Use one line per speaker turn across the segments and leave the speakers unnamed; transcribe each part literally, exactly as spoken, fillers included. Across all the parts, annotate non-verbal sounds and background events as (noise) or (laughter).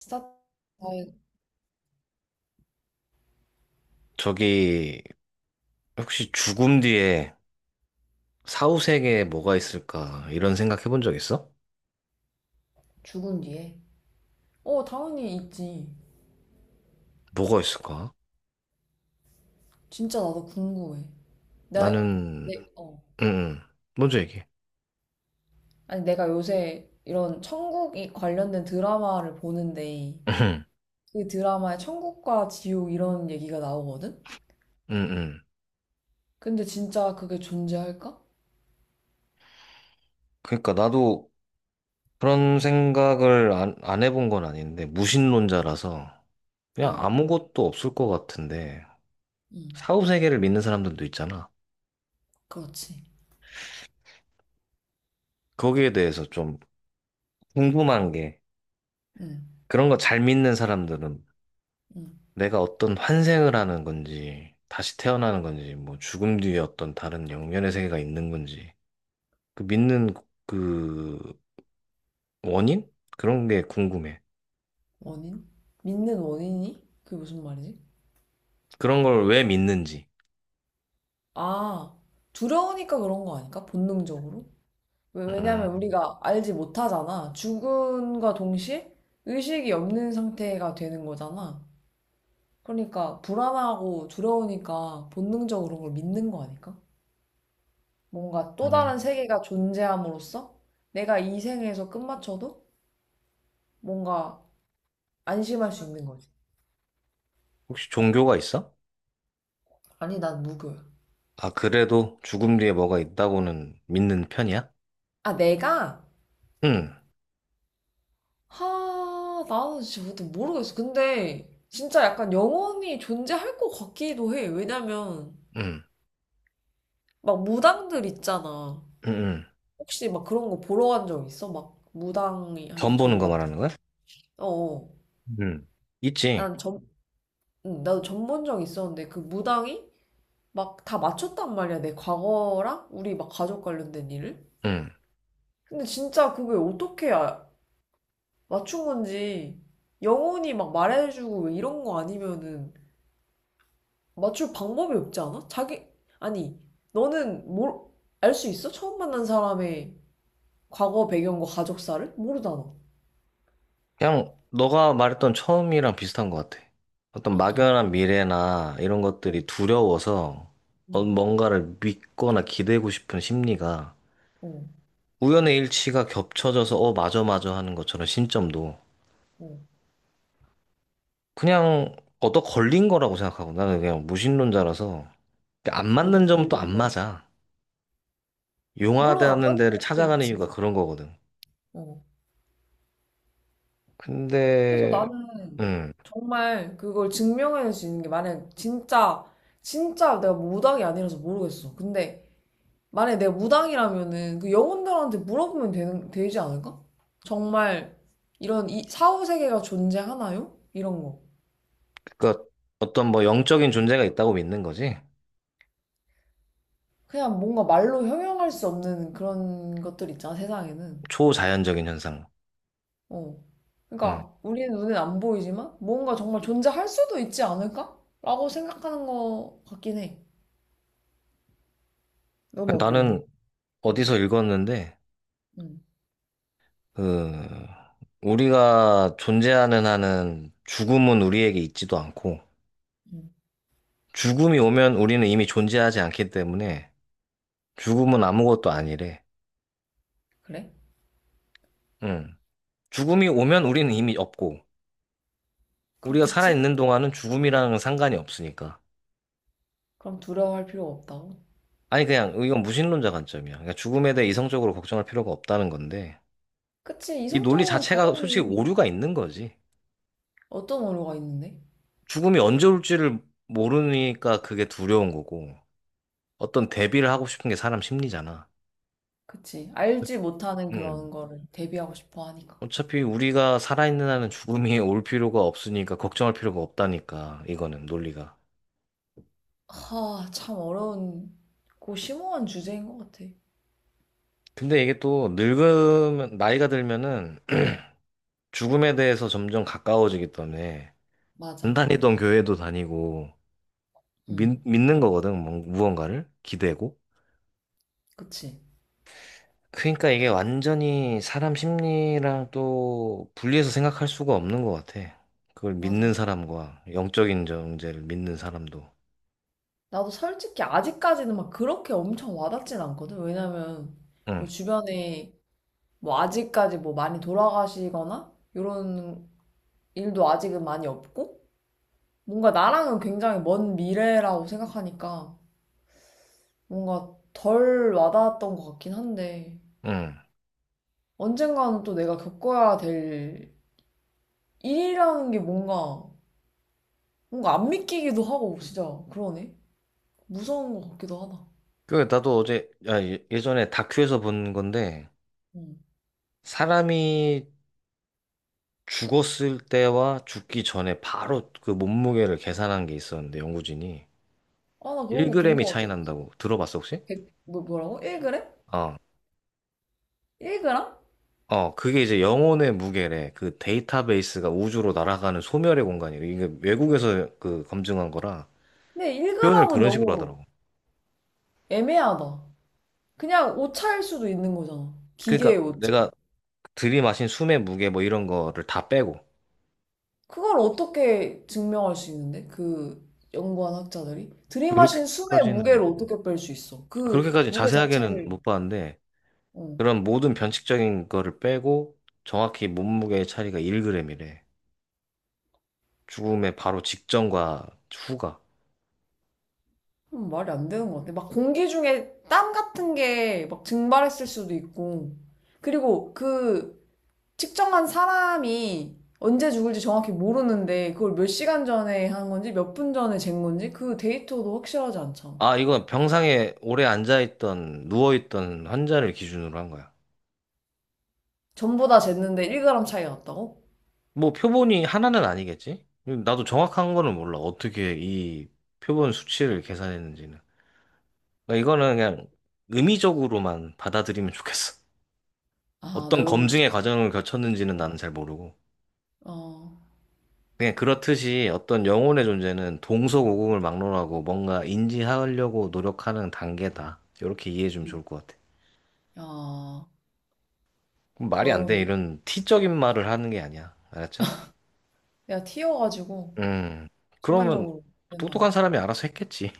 스타트가
저기, 혹시 죽음 뒤에 사후세계에 뭐가 있을까? 이런 생각 해본 적 있어?
죽은 뒤에 어, 당연히 있지.
뭐가 있을까?
진짜 나도 궁금해. 나,
나는,
내, 어.
음 음. 먼저 얘기해.
아니, 내가 요새 이런 천국이 관련된 드라마를 보는데
응, 응.
그 드라마에 천국과 지옥 이런 얘기가 나오거든?
응, 응.
근데 진짜 그게 존재할까?
그러니까 나도 그런 생각을 안, 안 해본 건 아닌데, 무신론자라서 그냥
어,
아무것도 없을 것 같은데,
응,
사후세계를 믿는 사람들도 있잖아.
그렇지.
거기에 대해서 좀 궁금한 게,
응,
그런 거 잘 믿는 사람들은
응.
내가 어떤 환생을 하는 건지, 다시 태어나는 건지, 뭐 죽음 뒤에 어떤 다른 영면의 세계가 있는 건지, 그 믿는 그 원인? 그런 게 궁금해.
원인? 믿는 원인이? 그게 무슨 말이지?
그런 걸 왜 믿는지.
아, 두려우니까 그런 거 아닐까? 본능적으로? 왜-
음,
왜냐면 우리가 알지 못하잖아. 죽음과 동시에 의식이 없는 상태가 되는 거잖아. 그러니까 불안하고 두려우니까 본능적으로 그걸 믿는 거 아닐까? 뭔가 또 다른
음.
세계가 존재함으로써 내가 이 생에서 끝마쳐도 뭔가 안심할 수 있는 거지.
혹시 종교가 있어?
아니, 난 무교야.
아, 그래도 죽음 뒤에 뭐가 있다고는 믿는 편이야?
아, 내가?
응,
하, 나는 진짜 모르겠어. 근데 진짜 약간 영원히 존재할 것 같기도 해. 왜냐면
응,
막 무당들 있잖아.
응, 응.
혹시 막 그런 거 보러 간 적 있어? 막 무당이 한테
전 보는
점
거
같은
말하는 거야?
거? 어어.
응, 있지.
난 점, 응, 나도 점 본 적 있었는데 그 무당이 막 다 맞췄단 말이야. 내 과거랑 우리 막 가족 관련된 일을.
응.
근데 진짜 그게 어떻게 아- 맞춘 건지 영혼이 막 말해주고 왜 이런 거 아니면은 맞출 방법이 없지 않아? 자기, 아니, 너는 뭘, 알 수 있어? 처음 만난 사람의 과거 배경과 가족사를? 모르잖아.
그냥 너가 말했던 처음이랑 비슷한 것 같아. 어떤
어떤?
막연한 미래나 이런
어,
것들이 두려워서 어,
응,
뭔가를 믿거나 기대고 싶은 심리가
어,
우연의 일치가 겹쳐져서 어, 맞아, 맞아 하는 것처럼 신점도
어.
그냥 얻어 걸린 거라고 생각하고 나는 그냥 무신론자라서 안
얻어
맞는 점은 또 안
걸린 거야.
맞아.
물론 안
용하다는
맞는
데를
것도
찾아가는
있지.
이유가 그런 거거든.
어. 그래서
근데,
나는
음,
정말 그걸 증명할 수 있는 게 만약 진짜 진짜 내가 무당이 아니라서 모르겠어. 근데 만약 내가 무당이라면은 그 영혼들한테 물어보면 되는 되지 않을까? 정말 이런 이 사후 세계가 존재하나요? 이런 거.
그니까 어떤 뭐 영적인 존재가 있다고 믿는 거지.
그냥 뭔가 말로 형용할 수 없는 그런 것들 있잖아, 세상에는.
초자연적인 현상.
어.
음.
그러니까 우리는 눈엔 안 보이지만 뭔가 정말 존재할 수도 있지 않을까? 라고 생각하는 것 같긴 해. 넌 어떤데?
나는
응,
어디서 읽었는데,
응,
그, 우리가 존재하는 한은 죽음은 우리에게 있지도 않고,
응.
죽음이 오면 우리는 이미 존재하지 않기 때문에, 죽음은 아무것도 아니래.
그래?
응. 죽음이 오면 우리는 이미 없고, 우리가
그렇겠지?
살아있는 동안은 죽음이랑 상관이 없으니까.
그럼 두려워할 필요가 없다고.
아니, 그냥, 이건 무신론자 관점이야. 그러니까 죽음에 대해 이성적으로 걱정할 필요가 없다는 건데,
그치,
이 논리
이성적으로는
자체가 솔직히
당연히.
오류가 있는 거지.
어떤 오류가 있는데?
죽음이 언제 올지를 모르니까 그게 두려운 거고, 어떤 대비를 하고 싶은 게 사람 심리잖아.
그치,
그치.
알지 못하는
음.
그런 거를 대비하고 싶어 하니까.
어차피 우리가 살아있는 한은 죽음이 (laughs) 올 필요가 없으니까 걱정할 필요가 없다니까 이거는 논리가.
하, 참 어려운, 고 심오한 주제인 것 같아.
근데 이게 또 늙으면 나이가 들면은 (clears throat) 죽음에 대해서 점점 가까워지기 때문에 안
맞아.
다니던 교회도 다니고 믿,
응,
믿는 거거든 뭔- 무언가를 기대고.
그치.
그러니까 이게 완전히 사람 심리랑 또 분리해서 생각할 수가 없는 것 같아. 그걸
맞아.
믿는 사람과 영적인 존재를 믿는 사람도.
나도 솔직히 아직까지는 막 그렇게 엄청 와닿진 않거든. 왜냐면 뭐 주변에 뭐 아직까지 뭐 많이 돌아가시거나 이런 일도 아직은 많이 없고 뭔가 나랑은 굉장히 먼 미래라고 생각하니까 뭔가 덜 와닿았던 것 같긴 한데
응.
언젠가는 또 내가 겪어야 될 일이라는 게 뭔가 뭔가 안 믿기기도 하고 진짜 그러네. 무서운 것 같기도 하다.
그, 나도 어제, 아, 예- 예전에 다큐에서 본 건데,
음.
사람이 죽었을 때와 죽기 전에 바로 그 몸무게를 계산한 게 있었는데, 연구진이.
아, 나 그런 거 본
일 그램이
것 같아.
차이 난다고 들어봤어, 혹시?
백, 뭐, 뭐라고? 일 그램?
어.
일 그램?
어, 그게 이제 영혼의 무게래. 그 데이터베이스가 우주로 날아가는 소멸의 공간이래. 이게 외국에서 그 검증한 거라
근데
표현을
일 그램은
그런 식으로
너무
하더라고.
애매하다. 그냥 오차일 수도 있는 거잖아.
그러니까
기계의 오차.
내가 들이마신 숨의 무게 뭐 이런 거를 다 빼고.
그걸 어떻게 증명할 수 있는데? 그 연구한 학자들이? 들이마신 숨의
그렇게까지는,
무게를 어떻게 뺄 수 있어? 그
그렇게까지
무게
자세하게는
자체를,
못 봤는데,
어.
그런 모든 변칙적인 거를 빼고 정확히 몸무게의 차이가 일 그램이래. 죽음의 바로 직전과 후가.
그럼 말이 안 되는 것 같아. 막 공기 중에 땀 같은 게 막 증발했을 수도 있고. 그리고 그 측정한 사람이 언제 죽을지 정확히 모르는데 그걸 몇 시간 전에 한 건지 몇 분 전에 잰 건지 그 데이터도 확실하지 않잖아.
아, 이건 병상에 오래 앉아있던, 누워있던 환자를 기준으로 한 거야.
전부 다 쟀는데 일 그램 차이가 났다고?
뭐 표본이 하나는 아니겠지? 나도 정확한 거는 몰라. 어떻게 이 표본 수치를 계산했는지는. 그러니까 이거는 그냥 의미적으로만 받아들이면 좋겠어.
아,
어떤
내가 너무
검증의 과정을 거쳤는지는 나는 잘 모르고.
아,
그냥 그렇듯이 어떤 영혼의 존재는 동서고금을 막론하고 뭔가 인지하려고 노력하는 단계다. 이렇게 이해해 주면
음.
좋을 것 같아.
야,
그럼 말이 안 돼.
어려운.
이런 티적인 말을 하는 게 아니야. 알았죠?
내가 튀어가지고
음. 그러면
순간적으로 그랬나 봐.
똑똑한 사람이 알아서 했겠지.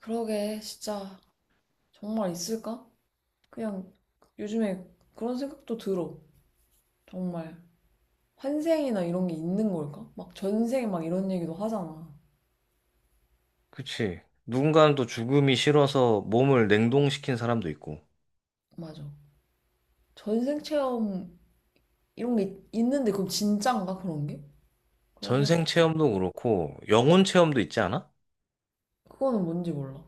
그러게, 진짜 정말 있을까? 그냥 요즘에 그런 생각도 들어. 정말 환생이나 이런 게 있는 걸까? 막 전생 막 이런 얘기도 하잖아.
그치. 누군가는 또 죽음이 싫어서 몸을 냉동시킨 사람도 있고,
맞아. 전생 체험 이런 게 있- 있는데 그럼 진짠가 그런 게? 그런
전생
생각도 들어.
체험도 그렇고, 영혼 체험도 있지 않아?
그거는 뭔지 몰라.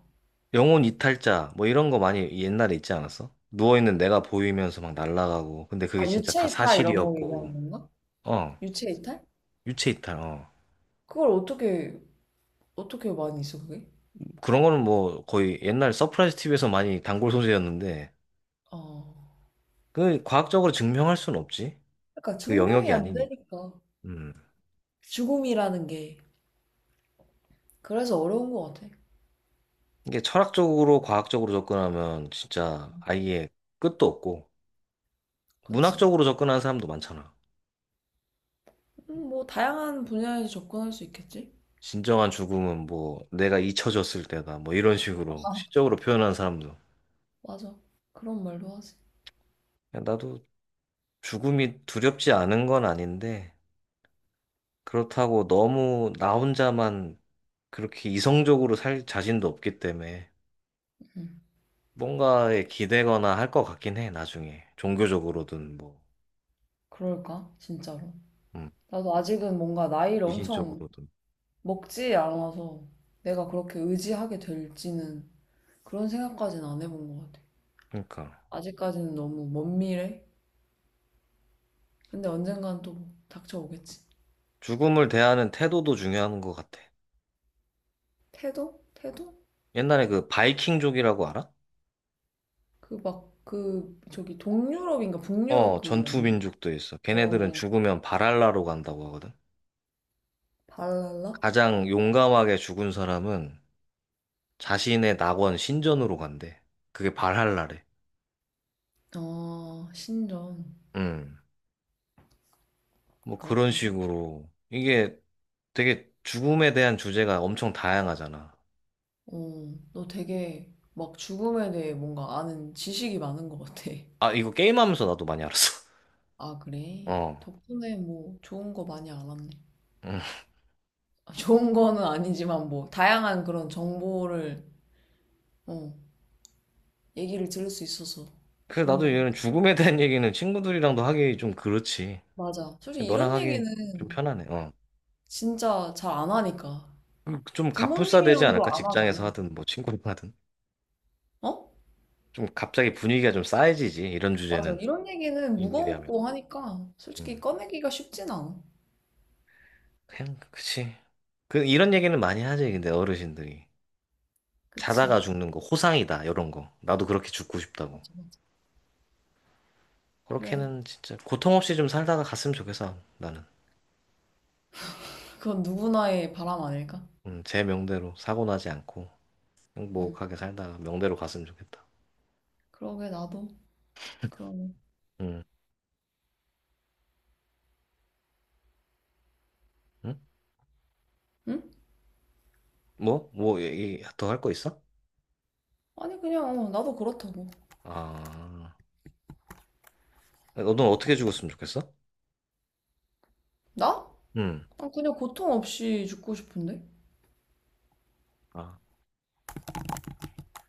영혼 이탈자, 뭐 이런 거 많이 옛날에 있지 않았어? 누워있는 내가 보이면서 막 날아가고, 근데 그게
아,
진짜 다
유체 이탈 이런 거
사실이었고,
얘기하는 건가?
어,
유체 이탈?
유체 이탈, 어.
그걸 어떻게 어떻게 많이 있어 그게?
그런 거는 뭐 거의 옛날 서프라이즈 티비에서 많이 단골 소재였는데,
아,
그 과학적으로 증명할 수는 없지.
그러니까
그
증명이
영역이
안
아니니까.
되니까
음.
죽음이라는 게 그래서 어려운 것 같아.
이게 철학적으로, 과학적으로 접근하면 진짜 아예 끝도 없고,
그치?
문학적으로 접근하는 사람도 많잖아.
음, 뭐 다양한 분야에서 접근할 수 있겠지?
진정한 죽음은 뭐 내가 잊혀졌을 때다. 뭐 이런 식으로 시적으로 표현하는 사람도. 야,
맞아. 그런 말도 하지.
나도 죽음이 두렵지 않은 건 아닌데, 그렇다고 너무 나 혼자만 그렇게 이성적으로 살 자신도 없기 때문에
음,
뭔가에 기대거나 할 것 같긴 해, 나중에. 종교적으로든 뭐,
그럴까? 진짜로.
음,
나도 아직은 뭔가 나이를 엄청
미신적으로든.
먹지 않아서 내가 그렇게 의지하게 될지는 그런 생각까지는 안 해본 것 같아.
그러니까
아직까지는 너무 먼 미래? 근데 언젠간 또 닥쳐오겠지.
죽음을 대하는 태도도 중요한 것 같아.
태도? 태도?
옛날에 그 바이킹족이라고 알아?
그 막, 그, 저기 동유럽인가 북유럽
어,
그 아니야?
전투민족도 있어. 걔네들은
어,
죽으면 발할라로 간다고 하거든.
발랄라?
가장 용감하게 죽은 사람은 자신의 낙원 신전으로 간대. 그게 발할라래.
어, 신전.
음. 뭐 그런
그렇구나.
식으로. 이게 되게 죽음에 대한 주제가 엄청 다양하잖아.
어, 너 되게 막 죽음에 대해 뭔가 아는 지식이 많은 것 같아.
아, 이거 게임하면서 나도 많이 알았어. (laughs)
아, 그래?
어.
덕분에 뭐 좋은 거 많이 알았네.
음.
아, 좋은 거는 아니지만 뭐 다양한 그런 정보를 어, 얘기를 들을 수 있어서
그래서
좋은
나도
것
이런
같아.
죽음에 대한 얘기는 친구들이랑도 하기 좀 그렇지.
맞아. 솔직히
너랑
이런 얘기는
하기 좀 편하네. 어.
진짜 잘 안 하니까.
음, 좀 갑분싸 되지
부모님이랑도
않을까?
안
직장에서
하잖아.
하든 뭐 친구랑 하든.
어?
좀 갑자기 분위기가 좀 싸해지지. 이런
맞아.
주제는.
이런 얘기는
일이 하면.
무거웠고 하니까 솔직히
음.
꺼내기가 쉽진 않아.
그냥 그치. 그 이런 얘기는 많이 하지. 근데 어르신들이
그치.
자다가 죽는 거 호상이다. 이런 거. 나도 그렇게 죽고 싶다고.
맞아, 맞아. 그래.
그렇게는 진짜 고통 없이 좀 살다가 갔으면 좋겠어, 나는.
그건 누구나의 바람 아닐까?
음, 제 명대로 사고 나지 않고
응.
행복하게 살다가 명대로 갔으면 좋겠다.
그러게, 나도. 그러네.
음, 응?
응?
뭐? 뭐, 얘기 더 할 거 있어?
아니, 그냥, 어, 나도 그렇다고.
아, 너는 어떻게 죽었으면 좋겠어?
나?
음,
난 그냥 고통 없이 죽고 싶은데?
아,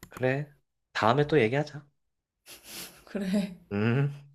그래. 다음에 또 얘기하자.
(laughs) 그래.
음.